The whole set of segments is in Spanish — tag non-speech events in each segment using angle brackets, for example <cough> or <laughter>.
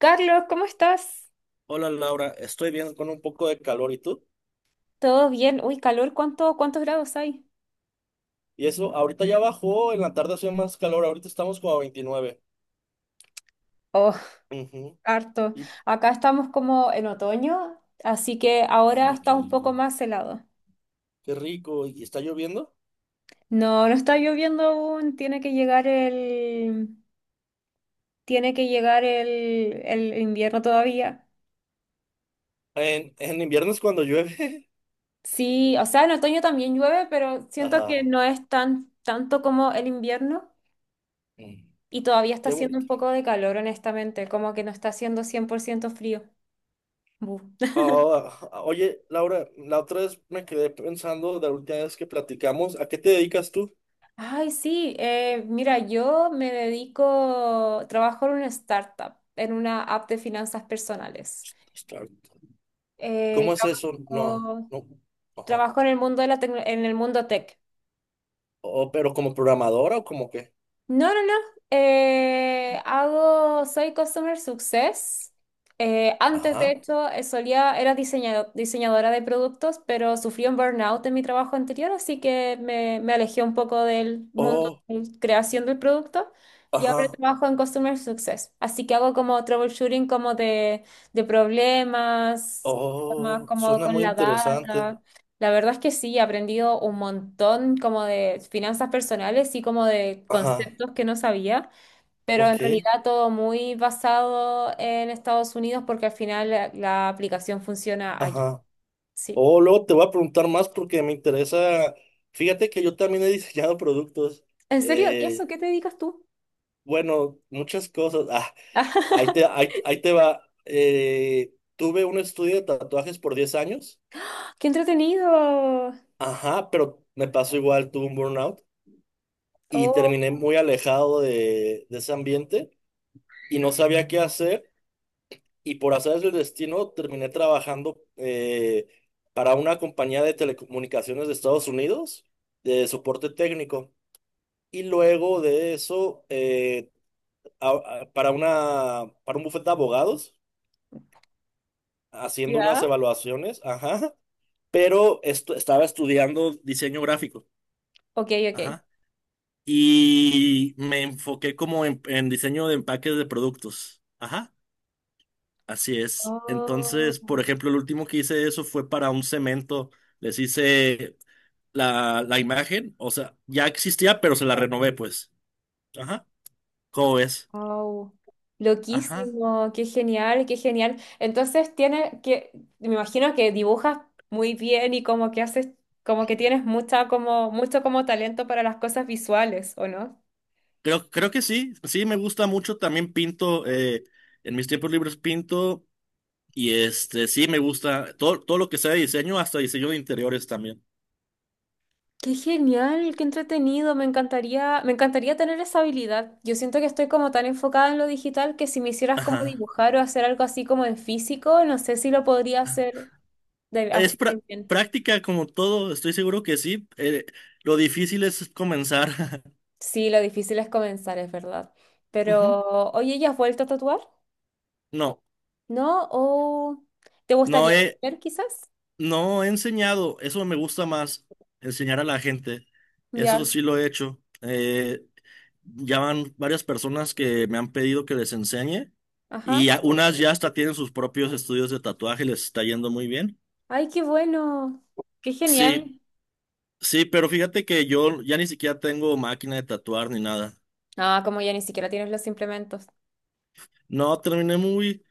Carlos, ¿cómo estás? Hola Laura, estoy bien con un poco de calor. ¿Y tú? ¿Todo bien? Uy, calor, cuántos grados hay? Y eso, ahorita ya bajó, en la tarde hacía más calor, ahorita estamos como a 29. Oh, Ujú. harto. Y, Acá estamos como en otoño, así que ahora Ay, está qué un poco rico. más helado. Qué rico, ¿y está lloviendo? No, no está lloviendo aún, tiene que llegar el invierno todavía. En invierno es cuando llueve. Sí, o sea, en otoño también llueve, pero <laughs> siento que Ajá, no es tanto como el invierno Mm, y todavía está qué haciendo bonito. un poco de calor, honestamente, como que no está haciendo 100% frío. Bu. Ah, ah, oye Laura, la otra vez me quedé pensando de la última vez que platicamos, ¿a qué te dedicas tú? Ay, sí, mira, yo trabajo en una startup, en una app de finanzas personales. Start. Eh, ¿Cómo es eso? No, trabajo, no. Ajá. trabajo en el mundo de la en el mundo tech. Oh, ¿pero como programadora o como qué? No, no, no. Soy Customer Success. Antes, de Ajá. hecho, era diseñadora de productos, pero sufrí un burnout en mi trabajo anterior, así que me alejé un poco del mundo Oh, de creación del producto y ahora ajá. trabajo en Customer Success. Así que hago como troubleshooting como de problemas, como, Oh, como suena con muy la interesante. data. La verdad es que sí, he aprendido un montón como de finanzas personales y como de Ajá, conceptos que no sabía, pero ok, en realidad todo muy basado en Estados Unidos porque al final la aplicación funciona allá. ajá. Sí. Oh, luego te voy a preguntar más porque me interesa. Fíjate que yo también he diseñado productos. ¿En serio? ¿Qué eso? eh, ¿Qué te dedicas tú? bueno, muchas cosas. Ah, <laughs> ahí te va. Tuve un estudio de tatuajes por 10 años. ¡Qué entretenido! Ajá, pero me pasó igual, tuve un burnout y terminé Oh, muy alejado de ese ambiente y no sabía qué hacer. Y por azares del destino terminé trabajando para una compañía de telecomunicaciones de Estados Unidos de soporte técnico. Y luego de eso, a- para una, para un bufete de abogados, haciendo unas ¿ya? evaluaciones, ajá, pero esto, estaba estudiando diseño gráfico, Ok, ok. ajá, y me enfoqué como en diseño de empaques de productos, ajá. Así es. Entonces, por Oh. ejemplo, el último que hice eso fue para un cemento. Les hice la imagen, o sea, ya existía, pero se la renové, pues. Ajá. ¿Cómo ves? Wow, Ajá. loquísimo, qué genial, qué genial. Me imagino que dibujas muy bien y como que haces, como que tienes mucha, como, mucho como talento para las cosas visuales, ¿o no? Creo que sí. Sí, me gusta mucho. También pinto. En mis tiempos libres pinto. Y este, sí, me gusta todo, todo lo que sea de diseño, hasta diseño de interiores también. Qué genial, qué entretenido, me encantaría tener esa habilidad. Yo siento que estoy como tan enfocada en lo digital que si me hicieras como Ajá. dibujar o hacer algo así como en físico, no sé si lo podría hacer Es así de bien. práctica como todo, estoy seguro que sí. Lo difícil es comenzar. Sí, lo difícil es comenzar, es verdad. <laughs> Ujú. Pero, oye, ¿ya has vuelto a tatuar? No, ¿No? ¿O te no gustaría he. volver quizás? No he enseñado, eso me gusta más, enseñar a la gente. Eso Ya, sí lo he hecho. Ya van varias personas que me han pedido que les enseñe y ajá. Unas ya hasta tienen sus propios estudios de tatuaje, les está yendo muy bien. Ay, qué bueno. Qué Sí, genial. sí, pero fíjate que yo ya ni siquiera tengo máquina de tatuar ni nada. Ah, como ya ni siquiera tienes los implementos. No, terminé muy...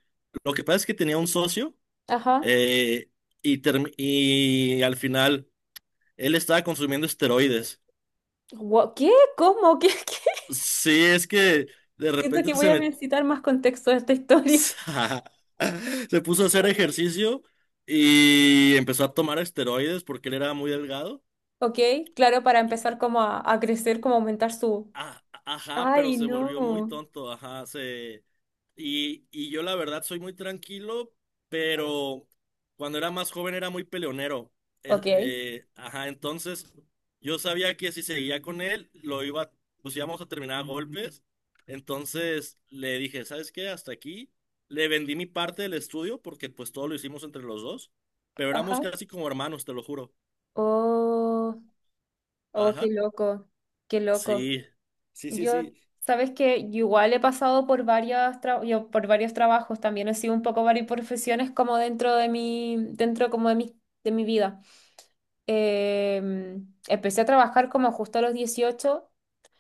Lo que pasa es que tenía un socio Ajá. eh, y al final él estaba consumiendo esteroides. ¿Qué? ¿Cómo? ¿Qué? <laughs> ¿Qué? Sí, es que... De Siento que repente voy se a me, necesitar más contexto de esta <laughs> <laughs> historia. Se puso a hacer ejercicio y empezó a tomar esteroides porque él era muy delgado. Ok, claro, para empezar como a crecer, como aumentar su. Ah, ajá, pero Ay, se volvió muy no. tonto, ajá, se... Y yo la verdad soy muy tranquilo, pero cuando era más joven era muy peleonero. Ok. Ajá, entonces yo sabía que si seguía con él, lo iba, pues íbamos a terminar a golpes. Entonces le dije, ¿sabes qué? Hasta aquí. Le vendí mi parte del estudio porque pues todo lo hicimos entre los dos, pero éramos Ajá. casi como hermanos, te lo juro. Oh, oh, qué Ajá. loco. Qué loco. Sí. Sí, sí, Yo, sí. sabes que igual he pasado por varias tra- yo por varios trabajos, también he sido un poco varias profesiones como dentro de mi, dentro como de mi vida. Eh, empecé a trabajar como justo a los 18,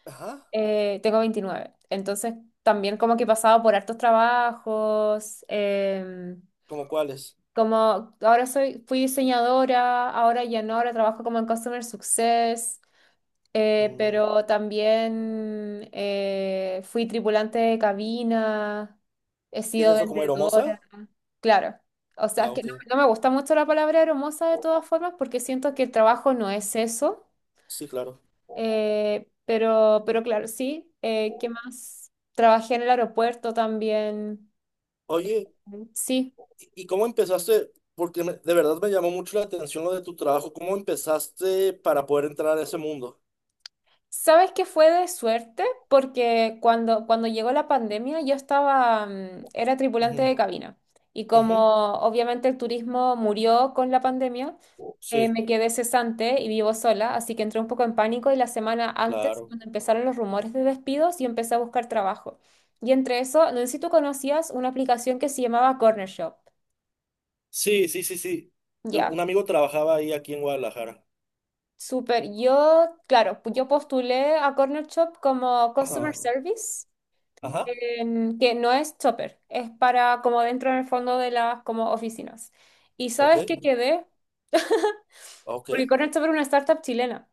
Ajá. Tengo 29, entonces también como que he pasado por hartos trabajos, ¿Cómo cuáles? como ahora fui diseñadora, ahora ya no, ahora trabajo como en Customer Success. Mm. Pero también fui tripulante de cabina, he ¿Es sido eso como vendedora, aeromoza? claro. O sea, Ah, es que ok. no me gusta mucho la palabra hermosa de todas formas porque siento que el trabajo no es eso. Sí, claro. Pero claro, sí. ¿Qué más? Trabajé en el aeropuerto también. Oye, Sí. ¿y cómo empezaste? Porque de verdad me llamó mucho la atención lo de tu trabajo. ¿Cómo empezaste para poder entrar a ese mundo? ¿Sabes qué fue de suerte? Porque cuando llegó la pandemia yo era tripulante Ujú, de cabina y ujú. como obviamente el turismo murió con la pandemia, Oh, sí, me quedé cesante y vivo sola, así que entré un poco en pánico y la semana antes, claro. cuando empezaron los rumores de despidos, yo empecé a buscar trabajo. Y entre eso, no sé si tú conocías una aplicación que se llamaba Corner Shop. Sí, sí, sí, sí. Ya, Un amigo trabajaba ahí aquí en Guadalajara. súper. Claro, yo postulé a Corner Shop como Customer Ajá. Service. Ajá. Que no es chopper, es para como dentro en el fondo de las como oficinas. Y sabes Ok. que quedé, porque Ok. Corner Chopper es una startup chilena,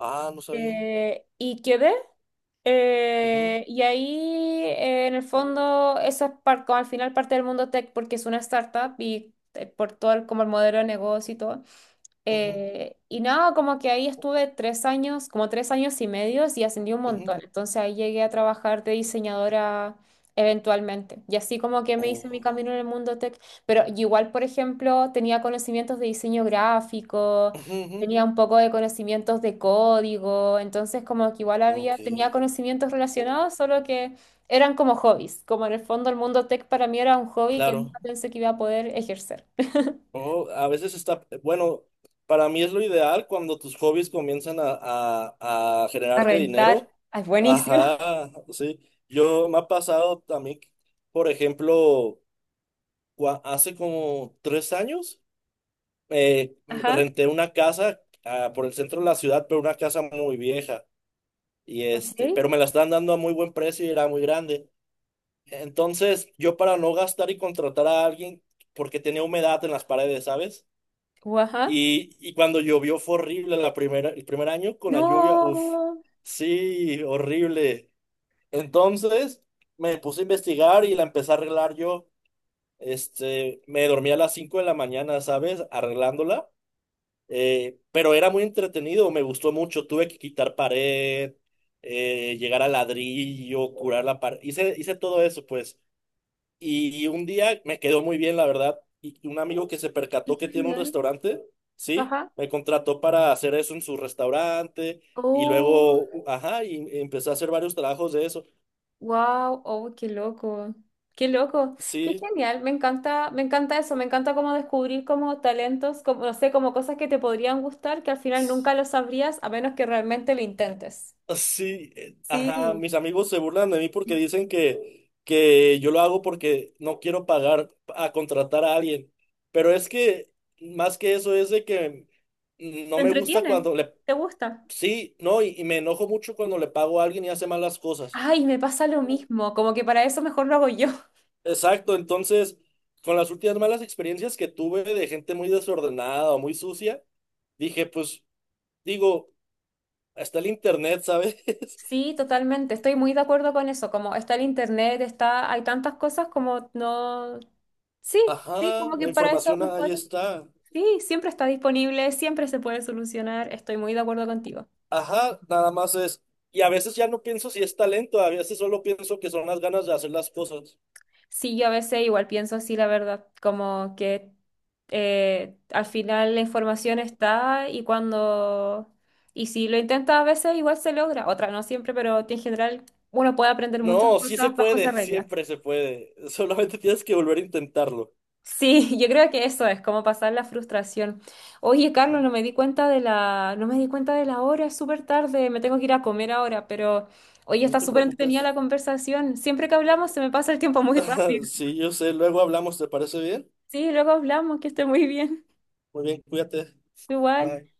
Ah, no sabía. Y quedé, Ujú, y ahí en el fondo eso es como al final parte del mundo tech porque es una startup y por todo el modelo de negocio y todo. ujú, Y nada, como que ahí estuve 3 años, como 3 años y medio y ascendí un ujú. montón. Entonces ahí llegué a trabajar de diseñadora eventualmente. Y así como que me hice mi Oh. camino en el mundo tech. Pero igual, por ejemplo, tenía conocimientos de diseño gráfico, Ujú, ujú. tenía un poco de conocimientos de código. Entonces como que igual Ok. tenía conocimientos relacionados, solo que eran como hobbies. Como en el fondo el mundo tech para mí era un hobby que Claro. nunca pensé que iba a poder ejercer. <laughs> Oh, a veces está, bueno, para mí es lo ideal cuando tus hobbies comienzan a A generarte reventar. dinero. Ah, es buenísimo. Ajá, sí. Yo me ha pasado también, por ejemplo, hace como 3 años, eh, Ajá, renté una casa por el centro de la ciudad, pero una casa muy vieja. Y este, ok. pero me la estaban dando a muy buen precio y era muy grande. Entonces, yo para no gastar y contratar a alguien, porque tenía humedad en las paredes, ¿sabes? Ajá, Y cuando llovió fue horrible la primera, el primer año con la lluvia, uff, no, sí, horrible. Entonces me puse a investigar y la empecé a arreglar yo. Este, me dormía a las 5 de la mañana, ¿sabes? Arreglándola. Pero era muy entretenido, me gustó mucho. Tuve que quitar pared, llegar al ladrillo, curar la pared. Hice todo eso, pues. Y un día me quedó muy bien, la verdad. Y un amigo que se qué percató que tiene un genial. restaurante, ¿sí? Ajá. Me contrató para hacer eso en su restaurante. Y Oh, luego, ajá, y empecé a hacer varios trabajos de eso. wow, oh, qué loco. Qué loco. Qué Sí, genial. Me encanta eso. Me encanta como descubrir como talentos, como, no sé, como cosas que te podrían gustar que al final nunca lo sabrías a menos que realmente lo intentes. sí, ajá. Sí. Mis amigos se burlan de mí porque dicen que yo lo hago porque no quiero pagar a contratar a alguien. Pero es que, más que eso, es de que no ¿Te me gusta entretiene? cuando le. ¿Te gusta? Sí, no, y me enojo mucho cuando le pago a alguien y hace malas cosas. Ay, me pasa lo mismo. Como que para eso mejor lo hago yo. Exacto, entonces, con las últimas malas experiencias que tuve de gente muy desordenada o muy sucia, dije, pues, digo, está el internet, ¿sabes? <laughs> Sí, totalmente. Estoy muy de acuerdo con eso. Como está el internet, está, hay tantas cosas como no. Sí, sí, Ajá, como que la para eso información ahí mejor. está. Sí, siempre está disponible, siempre se puede solucionar. Estoy muy de acuerdo contigo. Ajá, nada más es. Y a veces ya no pienso si es talento, a veces solo pienso que son las ganas de hacer las cosas. Sí, yo a veces igual pienso así, la verdad, como que al final la información está y si lo intentas a veces igual se logra. Otra no siempre, pero en general uno puede aprender muchas No, sí se cosas bajo esa puede, <laughs> regla. siempre se puede. Solamente tienes que volver a intentarlo. Sí, <laughs> yo creo que eso es como pasar la frustración. Oye, Carlos, Ajá, no me di cuenta de la, no me di cuenta de la hora, es súper tarde, me tengo que ir a comer ahora, pero oye, no está te súper preocupes. entretenida la conversación. Siempre que hablamos se me pasa el tiempo muy <laughs> <laughs> rápido. Sí, yo sé. Luego hablamos, ¿te parece bien? Sí, luego hablamos, que esté muy bien. Muy bien, cuídate. Igual. Bye.